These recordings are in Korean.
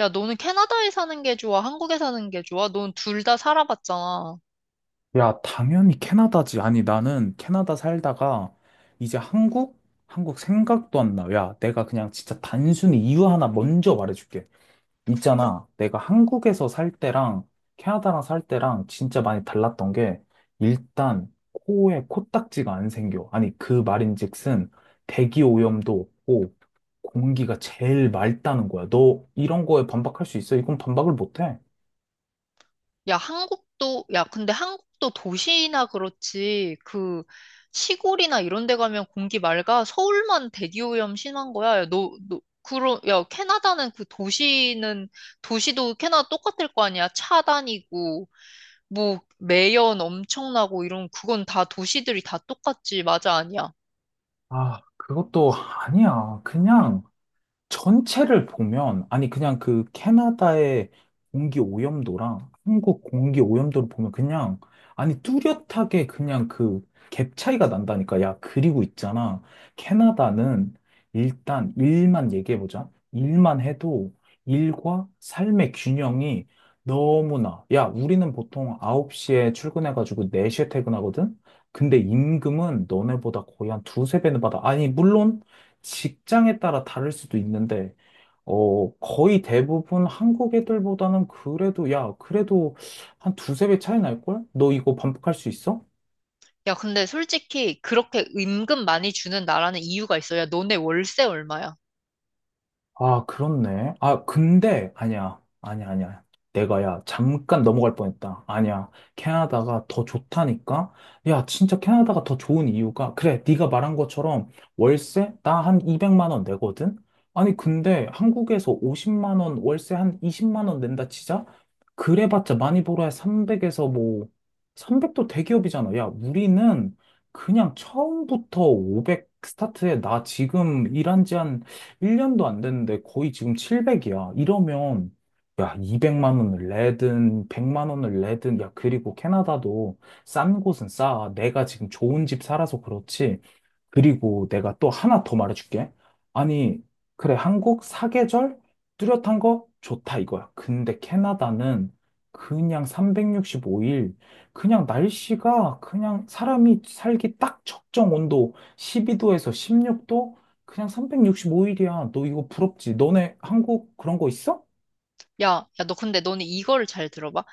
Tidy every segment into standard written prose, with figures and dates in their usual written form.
야, 너는 캐나다에 사는 게 좋아? 한국에 사는 게 좋아? 넌 둘 다 살아봤잖아. 야, 당연히 캐나다지. 아니, 나는 캐나다 살다가 이제 한국? 한국 생각도 안 나. 야, 내가 그냥 진짜 단순히 이유 하나 먼저 말해줄게. 있잖아. 내가 한국에서 살 때랑 캐나다랑 살 때랑 진짜 많이 달랐던 게 일단 코에 코딱지가 안 생겨. 아니, 그 말인즉슨 대기 오염도 없고 공기가 제일 맑다는 거야. 너 이런 거에 반박할 수 있어? 이건 반박을 못 해. 야, 한국도, 야, 근데 한국도 도시나 그렇지. 그, 시골이나 이런 데 가면 공기 맑아. 서울만 대기오염 심한 거야. 야, 그러, 야, 캐나다는 그 도시는, 도시도 캐나다 똑같을 거 아니야? 차 다니고, 뭐, 매연 엄청나고 이런, 그건 다 도시들이 다 똑같지. 맞아, 아니야? 아, 그것도 아니야. 그냥. 전체를 보면, 아니, 그냥 그 캐나다의 공기 오염도랑 한국 공기 오염도를 보면 그냥, 아니, 뚜렷하게 그냥 그 갭 차이가 난다니까. 야, 그리고 있잖아. 캐나다는 일단 일만 얘기해보자. 일만 해도 일과 삶의 균형이 너무나, 야, 우리는 보통 9시에 출근해가지고 4시에 퇴근하거든? 근데 임금은 너네보다 거의 한 두세 배는 받아. 아니, 물론, 직장에 따라 다를 수도 있는데, 거의 대부분 한국 애들보다는 그래도, 야, 그래도 한 두세 배 차이 날걸? 너 이거 반복할 수 있어? 야, 근데 솔직히 그렇게 임금 많이 주는 나라는 이유가 있어. 야, 너네 월세 얼마야? 아, 그렇네. 아, 근데, 아니야. 아니야. 내가, 야, 잠깐 넘어갈 뻔했다. 아니야. 캐나다가 더 좋다니까? 야, 진짜 캐나다가 더 좋은 이유가, 그래, 네가 말한 것처럼 월세? 나 한 200만 원 내거든? 아니, 근데 한국에서 50만 원, 월세 한 20만 원 낸다 치자? 그래봤자 많이 벌어야 300에서 뭐, 300도 대기업이잖아. 야, 우리는 그냥 처음부터 500 스타트에 나 지금 일한 지한 1년도 안 됐는데 거의 지금 700이야. 이러면, 야, 200만 원을 내든, 100만 원을 내든, 야, 그리고 캐나다도 싼 곳은 싸. 내가 지금 좋은 집 살아서 그렇지. 그리고 내가 또 하나 더 말해줄게. 아니, 그래, 한국 사계절 뚜렷한 거 좋다 이거야. 근데 캐나다는 그냥 365일, 그냥 날씨가 그냥 사람이 살기 딱 적정 온도 12도에서 16도, 그냥 365일이야. 너 이거 부럽지? 너네 한국 그런 거 있어? 야, 야, 너 근데 너는 이거를 잘 들어봐.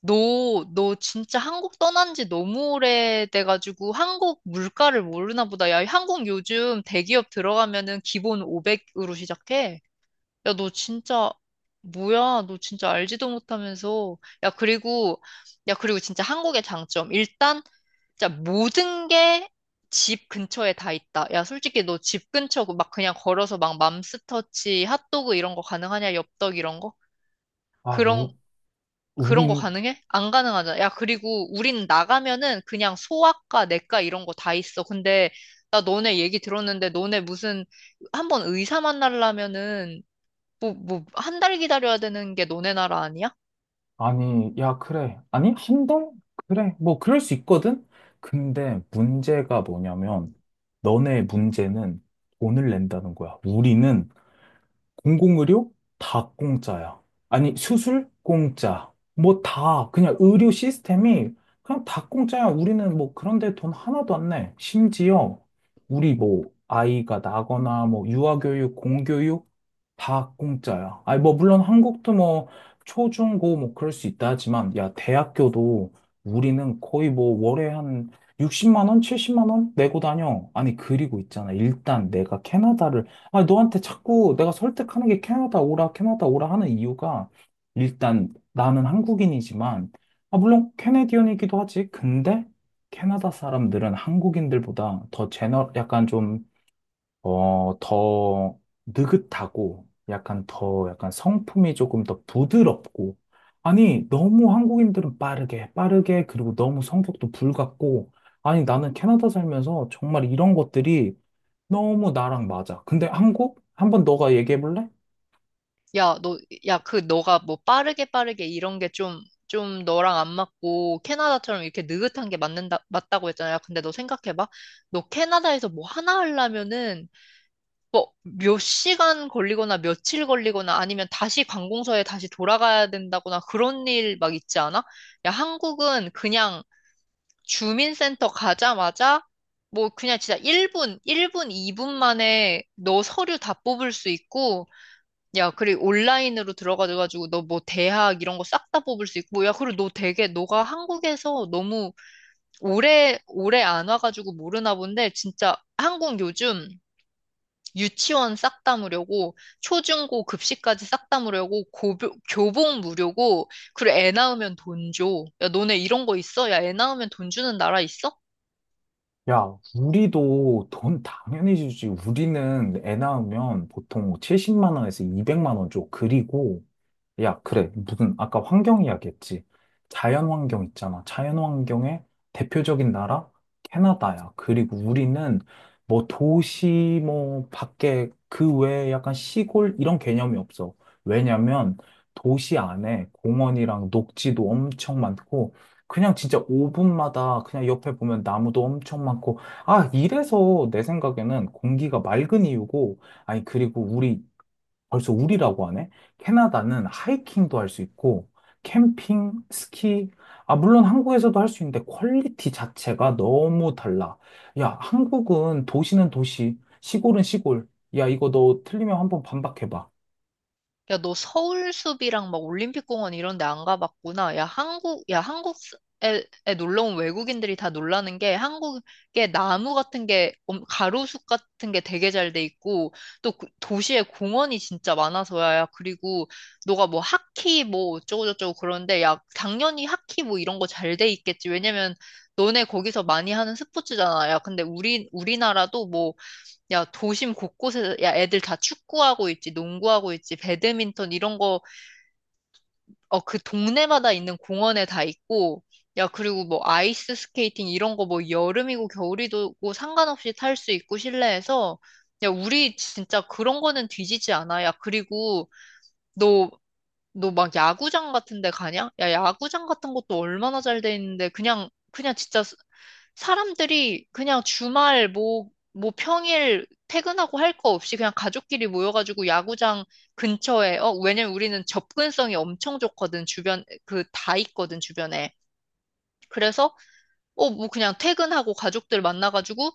너 진짜 한국 떠난 지 너무 오래돼가지고 한국 물가를 모르나 보다. 야, 한국 요즘 대기업 들어가면은 기본 500으로 시작해. 야, 너 진짜, 뭐야? 너 진짜 알지도 못하면서. 야, 그리고, 야, 그리고 진짜 한국의 장점. 일단, 진짜 모든 게 집 근처에 다 있다. 야, 솔직히 너 집 근처 막 그냥 걸어서 막 맘스터치, 핫도그 이런 거 가능하냐? 엽떡 이런 거? 아, 그런, 우, 그런 거 우린 가능해? 안 가능하잖아. 야, 그리고 우린 나가면은 그냥 소아과, 내과 이런 거 다 있어. 근데, 나 너네 얘기 들었는데, 너네 무슨, 한번 의사 만나려면은 한 달 기다려야 되는 게 너네 나라 아니야? 아니, 야, 그래. 아니, 한 달? 그래. 뭐, 그럴 수 있거든? 근데 문제가 뭐냐면, 너네 문제는 돈을 낸다는 거야. 우리는 공공의료 다 공짜야. 아니, 수술 공짜. 뭐 다, 그냥 의료 시스템이 그냥 다 공짜야. 우리는 뭐 그런데 돈 하나도 안 내. 심지어, 우리 뭐, 아이가 나거나, 뭐, 유아교육, 공교육, 다 공짜야. 아니, 뭐, 물론 한국도 뭐, 초, 중, 고, 뭐, 그럴 수 있다 하지만, 야, 대학교도 우리는 거의 뭐, 월에 한 60만 원, 70만 원 내고 다녀. 아니, 그리고 있잖아. 일단 내가 캐나다를, 아니, 너한테 자꾸 내가 설득하는 게 캐나다 오라, 캐나다 오라 하는 이유가, 일단 나는 한국인이지만, 아, 물론 캐네디언이기도 하지. 근데, 캐나다 사람들은 한국인들보다 더 약간 좀, 더 느긋하고 약간 더 약간 성품이 조금 더 부드럽고 아니 너무 한국인들은 빠르게 빠르게 그리고 너무 성격도 불같고 아니 나는 캐나다 살면서 정말 이런 것들이 너무 나랑 맞아. 근데 한국? 한번 너가 얘기해 볼래? 야, 너, 야, 그, 너가 뭐 빠르게 빠르게 이런 게 좀, 좀 너랑 안 맞고, 캐나다처럼 이렇게 느긋한 게 맞는다, 맞다고 했잖아. 야, 근데 너 생각해봐. 너 캐나다에서 뭐 하나 하려면은, 뭐, 몇 시간 걸리거나 며칠 걸리거나 아니면 다시 관공서에 다시 돌아가야 된다거나 그런 일 막 있지 않아? 야, 한국은 그냥 주민센터 가자마자 뭐 그냥 진짜 1분, 2분 만에 너 서류 다 뽑을 수 있고 야, 그리고 온라인으로 들어가가지고 너 뭐 대학 이런 거 싹 다 뽑을 수 있고 야, 그리고 너 되게 너가 한국에서 너무 오래 오래 안 와가지고 모르나 본데 진짜 한국 요즘 유치원 싹 다 무료고 초중고 급식까지 싹 다 무료고 고교, 교복 무료고 그리고 애 낳으면 돈 줘. 야, 너네 이런 거 있어? 야, 애 낳으면 돈 주는 나라 있어? 야, 우리도 돈 당연히 주지. 우리는 애 낳으면 보통 70만 원에서 200만 원 줘. 그리고 야, 그래. 무슨 아까 환경 이야기했지. 자연 환경 있잖아. 자연 환경의 대표적인 나라 캐나다야. 그리고 우리는 뭐 도시 뭐 밖에 그 외에 약간 시골 이런 개념이 없어. 왜냐면 도시 안에 공원이랑 녹지도 엄청 많고 그냥 진짜 5분마다 그냥 옆에 보면 나무도 엄청 많고 아, 이래서 내 생각에는 공기가 맑은 이유고 아니 그리고 우리 벌써 우리라고 하네? 캐나다는 하이킹도 할 수 있고, 캠핑, 스키, 아, 물론 한국에서도 할 수 있는데 퀄리티 자체가 너무 달라. 야, 한국은 도시는 도시, 시골은 시골. 야, 이거 너 틀리면 한번 반박해봐. 야, 너 서울숲이랑 막 올림픽공원 이런 데 안 가봤구나. 야, 한국, 야, 한국에 에 놀러 온 외국인들이 다 놀라는 게 한국에 나무 같은 게, 가로수 같은 게 되게 잘 돼 있고, 또 도시에 공원이 진짜 많아서야. 야, 그리고 너가 뭐 하키 뭐 어쩌고저쩌고 그러는데, 야, 당연히 하키 뭐 이런 거 잘 돼 있겠지. 왜냐면 너네 거기서 많이 하는 스포츠잖아. 야, 근데 우리나라도 뭐 야, 도심 곳곳에, 야, 애들 다 축구하고 있지, 농구하고 있지, 배드민턴 이런 거, 어, 그 동네마다 있는 공원에 다 있고, 야, 그리고 뭐 아이스 스케이팅 이런 거 뭐 여름이고 겨울이고 상관없이 탈 수 있고 실내에서, 야, 우리 진짜 그런 거는 뒤지지 않아. 야, 그리고 너, 너 막 야구장 같은 데 가냐? 야, 야구장 같은 것도 얼마나 잘 돼 있는데, 그냥 진짜 사람들이 그냥 주말 뭐 평일 퇴근하고 할 거 없이 그냥 가족끼리 모여가지고 야구장 근처에, 어, 왜냐면 우리는 접근성이 엄청 좋거든, 주변, 그 다 있거든, 주변에. 그래서, 어, 뭐 그냥 퇴근하고 가족들 만나가지고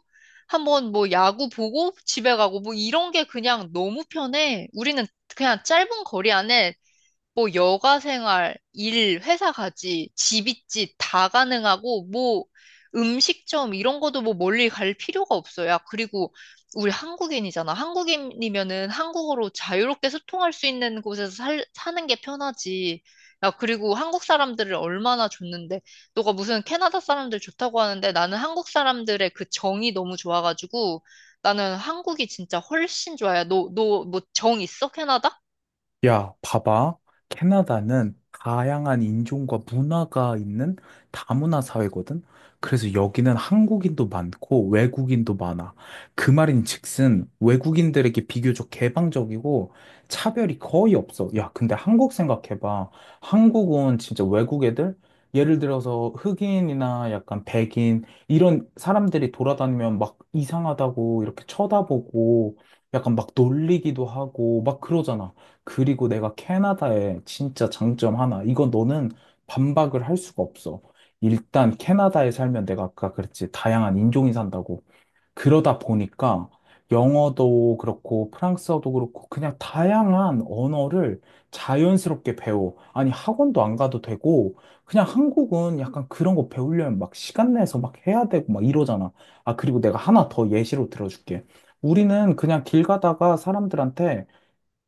한번 뭐 야구 보고 집에 가고 뭐 이런 게 그냥 너무 편해. 우리는 그냥 짧은 거리 안에 뭐 여가 생활, 일, 회사까지, 집있짓다 가능하고 뭐 음식점 이런 것도 뭐 멀리 갈 필요가 없어요. 그리고 우리 한국인이잖아. 한국인이면은 한국어로 자유롭게 소통할 수 있는 곳에서 사는 게 편하지. 야, 그리고 한국 사람들을 얼마나 좋는데, 너가 무슨 캐나다 사람들 좋다고 하는데 나는 한국 사람들의 그 정이 너무 좋아가지고 나는 한국이 진짜 훨씬 좋아요. 너, 너 뭐 정 있어? 캐나다? 야, 봐봐. 캐나다는 다양한 인종과 문화가 있는 다문화 사회거든. 그래서 여기는 한국인도 많고 외국인도 많아. 그 말인즉슨 외국인들에게 비교적 개방적이고 차별이 거의 없어. 야, 근데 한국 생각해봐. 한국은 진짜 외국 애들? 예를 들어서 흑인이나 약간 백인 이런 사람들이 돌아다니면 막 이상하다고 이렇게 쳐다보고 약간 막 놀리기도 하고 막 그러잖아. 그리고 내가 캐나다의 진짜 장점 하나. 이건 너는 반박을 할 수가 없어. 일단 캐나다에 살면 내가 아까 그랬지. 다양한 인종이 산다고. 그러다 보니까 영어도 그렇고 프랑스어도 그렇고 그냥 다양한 언어를 자연스럽게 배워. 아니 학원도 안 가도 되고 그냥 한국은 약간 그런 거 배우려면 막 시간 내서 막 해야 되고 막 이러잖아. 아 그리고 내가 하나 더 예시로 들어줄게. 우리는 그냥 길 가다가 사람들한테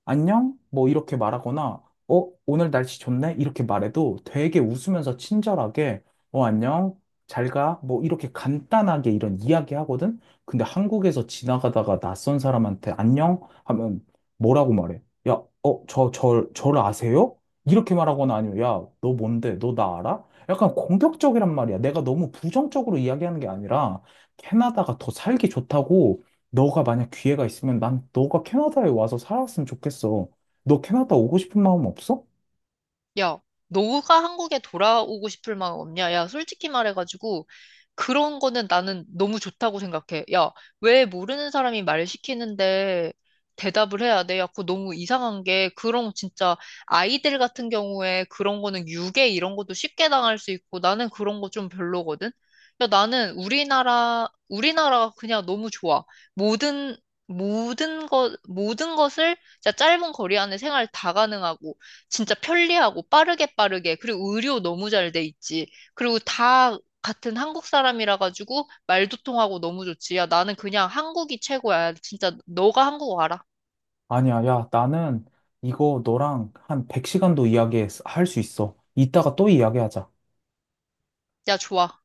안녕? 뭐 이렇게 말하거나, 오늘 날씨 좋네? 이렇게 말해도 되게 웃으면서 친절하게, 안녕? 잘 가? 뭐 이렇게 간단하게 이런 이야기 하거든? 근데 한국에서 지나가다가 낯선 사람한테 안녕? 하면 뭐라고 말해? 야, 저를 아세요? 이렇게 말하거나 아니면, 야, 너 뭔데? 너 나 알아? 약간 공격적이란 말이야. 내가 너무 부정적으로 이야기하는 게 아니라, 캐나다가 더 살기 좋다고, 너가 만약 기회가 있으면 난 너가 캐나다에 와서 살았으면 좋겠어. 너 캐나다 오고 싶은 마음 없어? 야, 너가 한국에 돌아오고 싶을 마음 없냐? 야, 솔직히 말해가지고, 그런 거는 나는 너무 좋다고 생각해. 야, 왜 모르는 사람이 말 시키는데 대답을 해야 돼? 야, 그거 너무 이상한 게, 그런 진짜 아이들 같은 경우에 그런 거는 유괴 이런 것도 쉽게 당할 수 있고, 나는 그런 거 좀 별로거든? 야, 나는 우리나라가 그냥 너무 좋아. 모든, 모든 것을 진짜 짧은 거리 안에 생활 다 가능하고, 진짜 편리하고 빠르게 빠르게 그리고 의료 너무 잘 돼 있지. 그리고 다 같은 한국 사람이라 가지고 말도 통하고 너무 좋지. 야, 나는 그냥 한국이 최고야. 진짜 너가 한국 와라. 아니야, 야, 나는 이거 너랑 한 100시간도 이야기할 수 있어. 이따가 또 이야기하자. 야, 좋아.